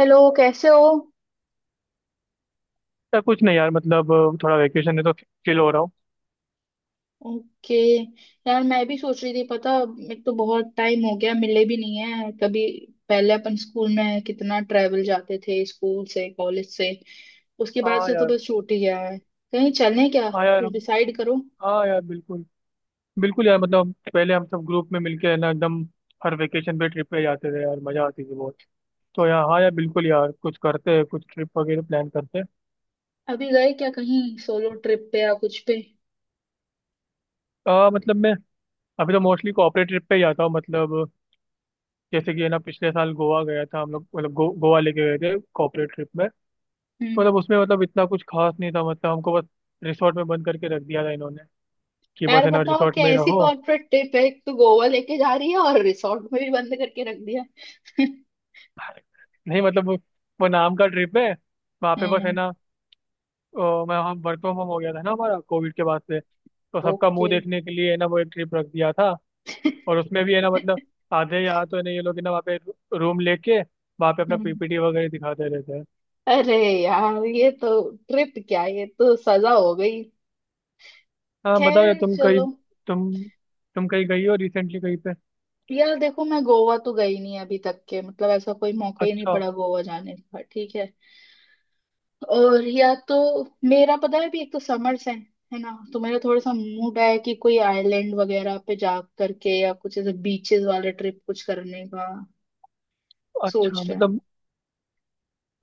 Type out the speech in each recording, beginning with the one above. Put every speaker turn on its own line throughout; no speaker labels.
Hello, कैसे हो?
या कुछ नहीं यार मतलब थोड़ा वेकेशन है तो चिल हो रहा हूँ।
ओके। यार मैं भी सोच रही थी, पता, एक तो बहुत टाइम हो गया, मिले भी नहीं है कभी। पहले अपन स्कूल में कितना ट्रेवल जाते थे, स्कूल से कॉलेज से। उसके बाद
हाँ
से तो
यार।
बस छूट ही गया है। कहीं चलें क्या?
हाँ यार।
कुछ डिसाइड करो।
हाँ यार बिल्कुल। बिल्कुल यार मतलब पहले हम सब ग्रुप में मिलके है ना एकदम हर वेकेशन पे ट्रिप पे जाते थे यार, मजा आती थी बहुत। तो यार हाँ यार बिल्कुल यार कुछ करते हैं, कुछ ट्रिप वगैरह प्लान करते हैं।
अभी गए क्या कहीं? सोलो ट्रिप पे या कुछ पे?
मतलब मैं अभी तो मोस्टली कॉर्पोरेट ट्रिप पे ही जाता हूँ। मतलब जैसे कि है ना पिछले साल गोवा गया था हम लोग, मतलब गोवा लेके गए थे कॉर्पोरेट ट्रिप में। तो
हम्म।
मतलब उसमें मतलब इतना कुछ खास नहीं था, मतलब हमको बस रिसोर्ट में बंद करके रख दिया था इन्होंने कि बस
यार
है ना
बताओ,
रिसोर्ट में
कैसी
रहो।
कॉर्पोरेट ट्रिप है, एक तो गोवा लेके जा रही है और रिसोर्ट में भी बंद करके रख दिया।
नहीं मतलब वो नाम का ट्रिप है। वहाँ पे बस है
हम्म।
ना। मैं हम वर्क फ्रॉम होम हो गया था ना हमारा कोविड के बाद से, तो सबका
ओके।
मुंह देखने के लिए है ना वो एक ट्रिप रख दिया था। और उसमें भी है ना मतलब आधे यहाँ तो है ना ये लोग है ना वहाँ पे रूम लेके वहाँ पे अपना
हम्म।
पीपीटी वगैरह दिखाते रहते हैं।
अरे यार, ये तो ट्रिप क्या, ये तो सजा हो गई।
हाँ बताओ यार।
खैर चलो।
तुम तुम कहीं गई हो रिसेंटली कहीं पे?
यार देखो, मैं गोवा तो गई नहीं अभी तक के, मतलब ऐसा कोई मौका ही नहीं
अच्छा।
पड़ा गोवा जाने का, ठीक है। और या तो मेरा, पता है, अभी एक तो समर्स है ना, तो मेरा थोड़ा सा मूड है कि कोई आइलैंड वगैरह पे जा करके या कुछ ऐसे बीचेस वाले ट्रिप कुछ करने का
अच्छा
सोच रहे हैं।
मतलब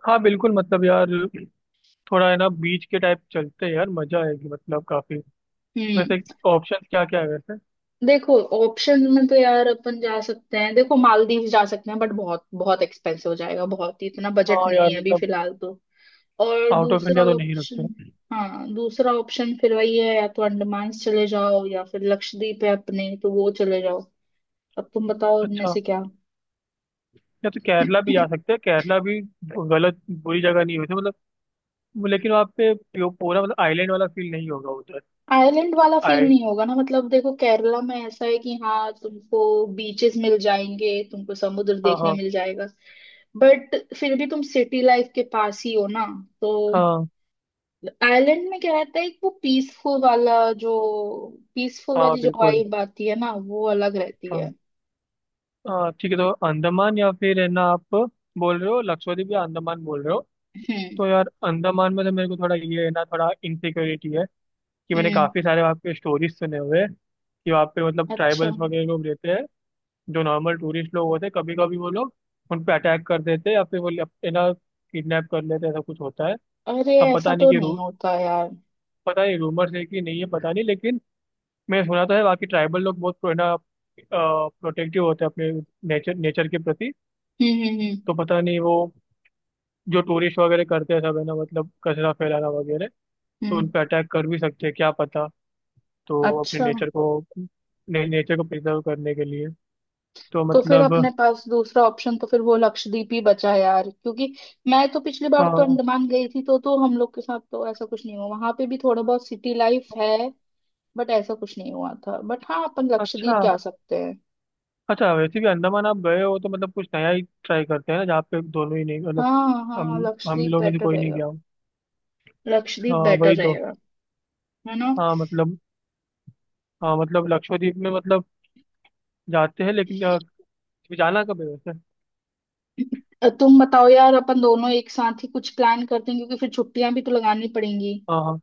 हाँ बिल्कुल मतलब यार थोड़ा है ना बीच के टाइप चलते हैं यार, मजा आएगी मतलब काफी। वैसे
हम्म।
ऑप्शन क्या क्या है वैसे?
देखो ऑप्शन में तो यार अपन जा सकते हैं, देखो मालदीव जा सकते हैं, बट बहुत बहुत एक्सपेंसिव हो जाएगा, बहुत ही, इतना बजट
हाँ
नहीं
यार
है अभी
मतलब
फिलहाल तो। और
आउट ऑफ
दूसरा
इंडिया तो नहीं
ऑप्शन,
रखते।
हाँ दूसरा ऑप्शन फिर वही है, या तो अंडमान चले जाओ या फिर लक्षद्वीप है अपने, तो वो चले जाओ। अब तुम बताओ इनमें
अच्छा।
से क्या।
या तो केरला भी जा सकते हैं, केरला भी गलत बुरी जगह नहीं हुई थी मतलब, लेकिन वहाँ पे पूरा मतलब आइलैंड वाला फील नहीं होगा उधर।
आइलैंड वाला फील
आए।
नहीं होगा ना। मतलब देखो केरला में ऐसा है कि हाँ, तुमको बीचेस मिल जाएंगे, तुमको समुद्र
हाँ
देखने
हाँ।
मिल जाएगा, बट फिर भी तुम सिटी लाइफ के पास ही हो ना। तो
हाँ
आयरलैंड में क्या रहता है, एक वो पीसफुल वाला, जो पीसफुल
हाँ
वाली जो
बिल्कुल।
वाइब आती है ना, वो अलग रहती है।
हाँ। हाँ ठीक है तो अंडमान या फिर है ना आप बोल रहे हो, लक्षद्वीप या अंडमान बोल रहे हो?
हम्म।
तो यार अंडमान में तो मेरे को थोड़ा ये है ना थोड़ा इनसिक्योरिटी है कि मैंने
हम्म।
काफ़ी सारे वहाँ पे स्टोरीज सुने हुए हैं कि वहाँ पे मतलब
अच्छा।
ट्राइबल्स वगैरह लोग रहते हैं। जो नॉर्मल टूरिस्ट लोग होते हैं कभी कभी वो लोग उन पे अटैक कर देते हैं, या फिर वो है ना किडनैप कर लेते हैं, ऐसा कुछ होता है।
अरे
अब
ऐसा
पता नहीं
तो
कि
नहीं
रू
होता यार।
पता नहीं रूमर्स है कि नहीं है पता नहीं, लेकिन मैंने सुना तो है। बाकी ट्राइबल लोग बहुत है ना प्रोटेक्टिव होते हैं अपने नेचर नेचर के प्रति।
हम्म हम्म हम्म
तो पता नहीं वो जो टूरिस्ट वगैरह करते हैं सब है ना मतलब कचरा फैलाना वगैरह, तो उन
हम्म,
पे अटैक कर भी सकते हैं क्या पता। तो अपने
अच्छा।
नेचर को प्रिजर्व करने के लिए। तो
तो फिर
मतलब
अपने पास दूसरा ऑप्शन तो फिर वो लक्षद्वीप ही बचा यार, क्योंकि मैं तो पिछली बार तो
हाँ।
अंडमान गई थी, तो हम लोग के साथ तो ऐसा कुछ नहीं हुआ, वहां पे भी थोड़ा बहुत सिटी लाइफ है, बट ऐसा कुछ नहीं हुआ था, बट हाँ अपन लक्षद्वीप
अच्छा।
जा सकते हैं।
अच्छा वैसे भी अंडमान आप गए हो तो मतलब कुछ नया ही ट्राई करते हैं ना जहाँ पे दोनों ही नहीं, मतलब
हाँ
हम
हाँ,
हम
लक्षद्वीप
लोग में से
बेटर
कोई नहीं
रहेगा।
गया हो।
लक्षद्वीप
हाँ
बेटर
वही तो।
रहेगा। है ना।
हाँ मतलब। हाँ मतलब लक्षद्वीप में मतलब जाते हैं, लेकिन जाना कब है वैसे?
तुम बताओ यार, अपन दोनों एक साथ ही कुछ प्लान करते हैं, क्योंकि फिर छुट्टियां भी तो लगानी पड़ेंगी।
हाँ हाँ।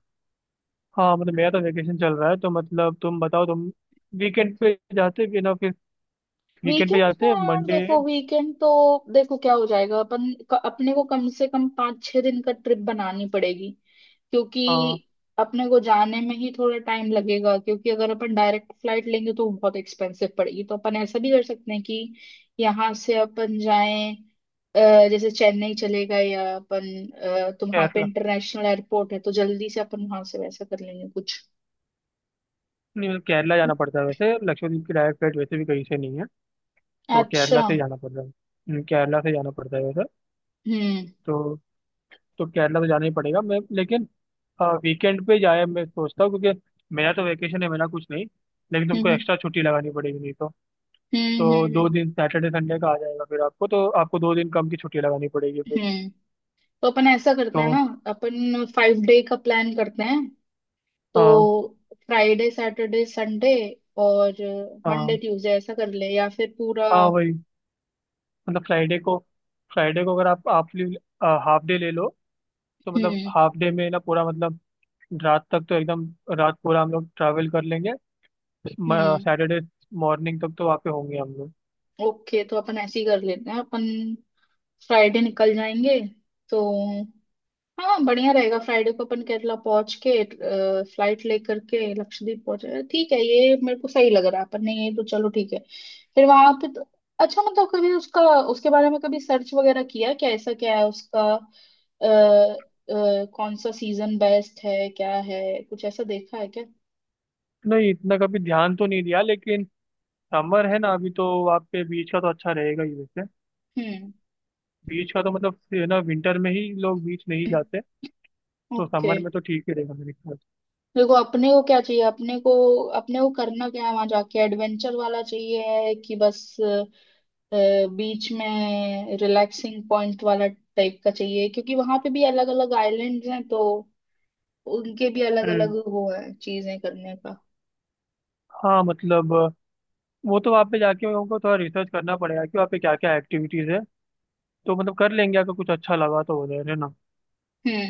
हाँ मतलब मेरा तो वेकेशन चल रहा है तो मतलब तुम बताओ। तुम वीकेंड पे जाते भी ना फिर? वीकेंड पे
वीकेंड्स
जाते
में
हैं
यार,
मंडे।
देखो वीकेंड तो, देखो क्या हो जाएगा, अपने को कम से कम पाँच छह दिन का ट्रिप बनानी पड़ेगी, क्योंकि
हाँ।
अपने को जाने में ही थोड़ा टाइम लगेगा, क्योंकि अगर अपन डायरेक्ट फ्लाइट लेंगे तो बहुत एक्सपेंसिव पड़ेगी, तो अपन ऐसा भी कर सकते हैं कि यहाँ से अपन जाएं, जैसे चेन्नई चले गए या अपन, तो वहां पे
केरला।
इंटरनेशनल एयरपोर्ट है, तो जल्दी से अपन वहां से वैसा कर लेंगे कुछ।
नहीं मतलब केरला जाना पड़ता है वैसे, लक्षद्वीप की डायरेक्ट फ्लाइट वैसे भी कहीं से नहीं है, तो केरला
अच्छा।
से जाना पड़ रहा है। केरला से जाना पड़ता है वैसे।
हम्म।
तो तो केरला तो जाना ही पड़ेगा मैं, लेकिन वीकेंड पे जाए मैं सोचता हूँ क्योंकि मेरा तो वेकेशन है, मेरा कुछ नहीं, लेकिन तुमको
हम्म
एक्स्ट्रा छुट्टी लगानी पड़ेगी नहीं तो।
हम्म हम्म
तो
हम्म
दो
हम्म।
दिन सैटरडे संडे का आ जाएगा फिर, आपको तो आपको दो दिन कम की छुट्टी लगानी पड़ेगी फिर।
हम्म। तो अपन ऐसा करते हैं
तो
ना, अपन फाइव डे का प्लान करते हैं। तो
हाँ
फ्राइडे सैटरडे संडे और मंडे
हाँ।
ट्यूसडे ऐसा कर ले या फिर पूरा।
हाँ वही मतलब फ्राइडे को अगर आप हाफ हाफ डे ले लो तो मतलब
हम्म।
हाफ डे में ना पूरा मतलब रात तक तो एकदम रात पूरा हम लोग ट्रैवल कर लेंगे।
हम्म।
सैटरडे मॉर्निंग तक तो वहाँ पे होंगे हम लोग।
ओके, तो अपन ऐसे ही कर लेते हैं अपन, फ्राइडे निकल जाएंगे, तो हाँ बढ़िया रहेगा, फ्राइडे को अपन केरला पहुंच के फ्लाइट लेकर के लक्षद्वीप पहुंचे, ठीक है, ये मेरे को सही लग रहा है अपन ने, ये तो चलो ठीक है। फिर वहां पे तो, अच्छा मतलब कभी उसका, उसके बारे में कभी सर्च वगैरह किया क्या, ऐसा क्या है उसका, कौन सा सीजन बेस्ट है, क्या है, कुछ ऐसा देखा है क्या?
नहीं इतना कभी ध्यान तो नहीं दिया, लेकिन समर है ना अभी, तो वहाँ पे बीच का तो अच्छा रहेगा ही वैसे।
हम्म।
बीच का तो मतलब ये ना विंटर में ही लोग बीच नहीं जाते, तो
ओके।
समर में तो ठीक ही रहेगा मेरे ख्याल
देखो अपने को क्या चाहिए, अपने को करना क्या है वहां जाके, एडवेंचर वाला चाहिए है कि बस अ, बीच में रिलैक्सिंग पॉइंट वाला टाइप का चाहिए, क्योंकि वहां पे भी अलग अलग आइलैंड्स हैं, तो उनके भी
से।
अलग अलग
हम्म।
वो है चीजें करने का।
हाँ मतलब वो तो वहाँ पे जाके उनको थोड़ा रिसर्च करना पड़ेगा कि वहाँ पे क्या क्या एक्टिविटीज है, तो मतलब कर लेंगे अगर कुछ अच्छा लगा तो उधर है ना।
हम्म।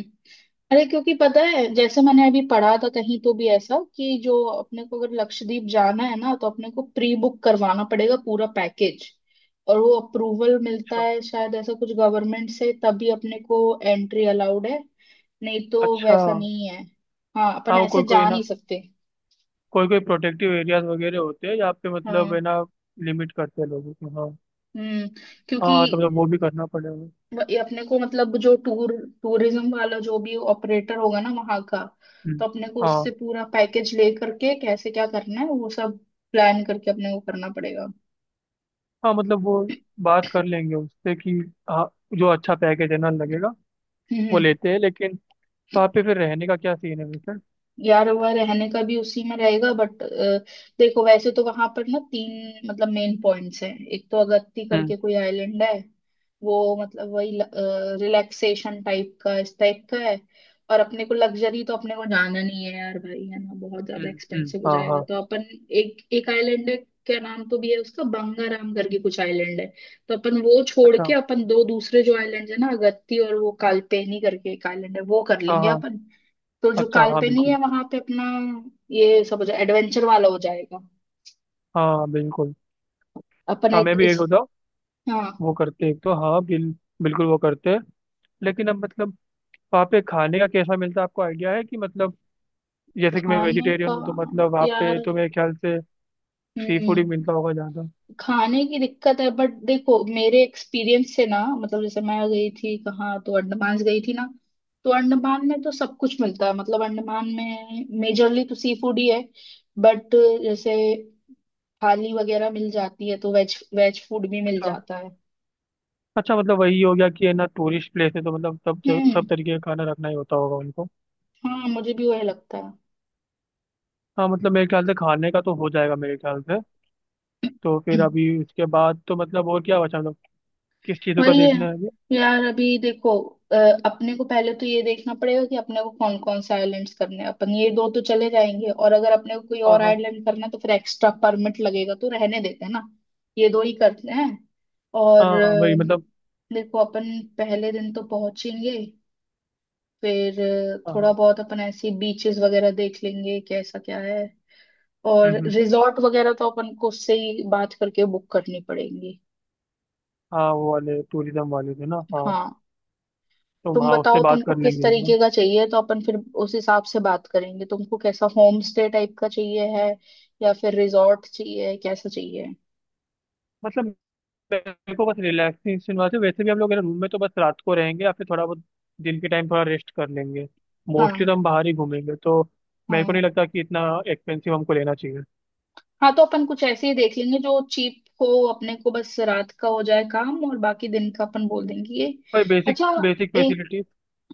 अरे क्योंकि पता है, जैसे मैंने अभी पढ़ा था कहीं तो भी ऐसा, कि जो अपने को अगर लक्षद्वीप जाना है ना, तो अपने को प्री बुक करवाना पड़ेगा पूरा पैकेज, और वो अप्रूवल मिलता
अच्छा।
है शायद ऐसा कुछ, गवर्नमेंट से तभी अपने को एंट्री अलाउड है, नहीं तो
अच्छा
वैसा नहीं है, हाँ अपन
हाँ वो
ऐसे
कोई कोई
जा
ना
नहीं सकते।
कोई कोई प्रोटेक्टिव एरियाज वगैरह होते हैं जहाँ पे मतलब
हाँ।
है ना लिमिट करते हैं लोगों को। हाँ।
हम्म। क्योंकि
हाँ तो मतलब वो भी करना पड़ेगा।
ये अपने को मतलब, जो टूरिज्म वाला जो भी ऑपरेटर होगा ना वहां का, तो
हम्म।
अपने को
हाँ
उससे पूरा पैकेज ले करके कैसे क्या करना है वो सब प्लान करके अपने को करना पड़ेगा।
हाँ मतलब वो बात कर लेंगे उससे कि हाँ, जो अच्छा पैकेज है ना लगेगा वो
हम्म।
लेते हैं, लेकिन वहाँ पे फिर रहने का क्या सीन है वैसे?
यार वह रहने का भी उसी में रहेगा, बट देखो वैसे तो वहां पर ना तीन मतलब मेन पॉइंट्स हैं, एक तो अगत्ती
हम्म
करके कोई आइलैंड है, वो मतलब वही रिलैक्सेशन टाइप का इस टाइप का है, और अपने को लग्जरी तो अपने को जाना नहीं है यार भाई, है ना, बहुत ज्यादा
हम्म हम्म।
एक्सपेंसिव हो
हाँ
जाएगा,
हाँ।
तो अपन, एक एक आइलैंड है, क्या नाम तो भी है उसका, बंगाराम करके कुछ आइलैंड है, तो अपन वो छोड़
अच्छा।
के अपन दो दूसरे जो आइलैंड है ना, अगत्ती और वो कालपेनी करके एक आइलैंड है, वो कर
हाँ
लेंगे
हाँ।
अपन। तो जो
अच्छा। हाँ
काल्पनिक है
बिल्कुल।
वहां पे अपना ये सब हो जाए, एडवेंचर वाला हो जाएगा।
हाँ बिल्कुल। हाँ मैं भी एक
इस,
होता
हाँ।
वो करते एक तो, हाँ बिल्कुल वो करते हैं, लेकिन अब मतलब वहाँ पे खाने का कैसा मिलता है आपको आइडिया है कि मतलब? जैसे कि मैं
खाने
वेजिटेरियन
का
हूँ तो मतलब वहाँ पे
यार,
तो मेरे ख्याल से सी फूड ही
हम्म,
मिलता होगा ज़्यादा।
खाने की दिक्कत है, बट देखो मेरे एक्सपीरियंस से ना, मतलब जैसे मैं गई थी कहाँ, तो अंडमान गई थी ना, तो अंडमान में तो सब कुछ मिलता है, मतलब अंडमान में मेजरली तो सी फूड ही है, बट जैसे थाली वगैरह मिल जाती है, तो वेज वेज फूड भी मिल
अच्छा।
जाता है।
अच्छा मतलब वही हो गया कि है ना टूरिस्ट प्लेस है तो मतलब
हम्म।
सब तरीके का खाना रखना ही होता होगा उनको।
हाँ मुझे भी वही लगता
हाँ मतलब मेरे ख्याल से खाने का तो हो जाएगा मेरे ख्याल से।
है।
तो फिर अभी उसके बाद तो मतलब और क्या बचा मतलब? किस चीज़ों का
वही है
देखना है अभी?
यार, अभी देखो अ, अपने को पहले तो ये देखना पड़ेगा कि अपने को कौन कौन से आइलैंड्स करने हैं, अपन ये दो तो चले जाएंगे, और अगर अपने को कोई
हाँ
और
हाँ।
आइलैंड करना है तो फिर एक्स्ट्रा परमिट लगेगा, तो रहने देते हैं ना, ये दो ही करते हैं। और
हाँ हाँ, वही मतलब।
देखो अपन पहले दिन तो पहुंचेंगे, फिर
हाँ
थोड़ा
हाँ।
बहुत अपन ऐसी बीचेस वगैरह देख लेंगे कैसा क्या है,
हम्म,
और
हम्म,
रिजॉर्ट वगैरह तो अपन को उससे ही बात करके बुक करनी पड़ेगी।
हाँ वो वाले टूरिज्म वाले थे ना, हाँ
हाँ
तो
तुम
हाँ उससे
बताओ
बात
तुमको
कर
किस
लेंगे एक बार
तरीके का चाहिए, तो अपन फिर उस हिसाब से बात करेंगे, तुमको कैसा होम स्टे टाइप का चाहिए है या फिर रिजॉर्ट चाहिए, कैसा चाहिए?
मतलब। मेरे को बस रिलैक्सेशन वास्ते, वैसे भी हम लोग रूम में तो बस रात को रहेंगे या फिर थोड़ा बहुत दिन के टाइम थोड़ा रेस्ट कर लेंगे, मोस्टली
हाँ।
तो हम बाहर ही घूमेंगे, तो मेरे को
हाँ।
नहीं लगता कि इतना एक्सपेंसिव हमको लेना चाहिए।
हाँ तो अपन कुछ ऐसे ही देख लेंगे जो चीप हो, अपने को बस रात का हो जाए काम, और बाकी दिन का अपन बोल देंगे ये।
भाई बेसिक
अच्छा।
बेसिक
एक,
फैसिलिटी।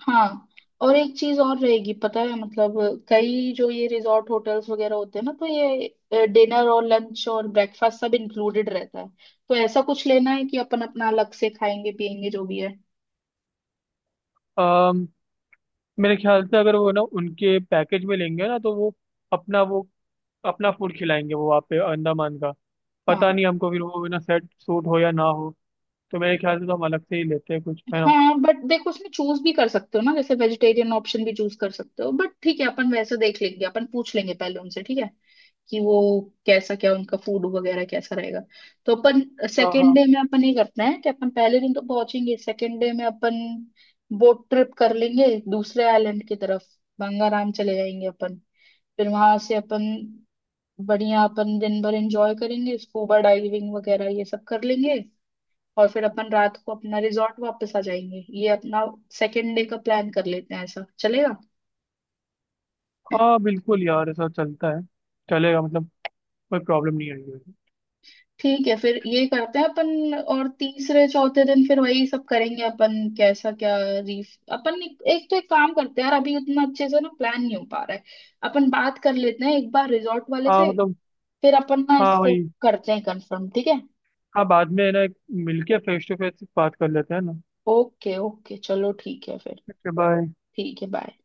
हाँ, और एक चीज और रहेगी, पता है मतलब कई जो ये रिजॉर्ट होटल्स वगैरह होते हैं ना, तो ये डिनर और लंच और ब्रेकफास्ट सब इंक्लूडेड रहता है, तो ऐसा कुछ लेना है कि अपन अपना अलग से खाएंगे पिएंगे जो भी है।
मेरे ख्याल से अगर वो ना उनके पैकेज में लेंगे ना तो वो अपना फूड खिलाएंगे वो, वहाँ पे अंडमान का पता
हाँ।
नहीं हमको फिर वो ना सेट सूट हो या ना हो। तो मेरे ख्याल से तो हम अलग से ही लेते हैं कुछ है ना।
हाँ बट देखो उसमें चूज भी कर सकते हो ना, जैसे वेजिटेरियन ऑप्शन भी चूज कर सकते हो, बट ठीक है अपन वैसे देख लेंगे, अपन पूछ लेंगे पहले उनसे, ठीक है, कि वो कैसा क्या उनका फूड वगैरह कैसा रहेगा। तो अपन
हाँ
सेकेंड
हाँ।
डे में अपन ये करना है कि अपन पहले दिन तो पहुंचेंगे, सेकेंड डे में अपन बोट ट्रिप कर लेंगे दूसरे आइलैंड की तरफ, गंगाराम चले जाएंगे अपन, फिर वहां से अपन बढ़िया अपन दिन भर एंजॉय करेंगे, स्कूबा डाइविंग वगैरह ये सब कर लेंगे, और फिर अपन रात को अपना रिजॉर्ट वापस आ जाएंगे, ये अपना सेकेंड डे का प्लान कर लेते हैं, ऐसा चलेगा?
हाँ बिल्कुल यार ऐसा चलता है, चलेगा मतलब, कोई प्रॉब्लम नहीं आई है।
ठीक है, फिर ये करते हैं अपन, और तीसरे चौथे दिन फिर वही सब करेंगे, अपन कैसा क्या रीफ अपन एक तो एक काम करते हैं यार, अभी उतना अच्छे से ना प्लान नहीं हो पा रहा है, अपन बात कर लेते हैं एक बार रिजॉर्ट वाले
हाँ
से,
मतलब।
फिर अपन ना
हाँ
इसको
वही।
करते हैं कंफर्म, ठीक है।
हाँ बाद में है ना मिलके फेस टू फेस बात कर लेते हैं ना।
ओके ओके, चलो ठीक है फिर।
Okay bye.
ठीक है, बाय।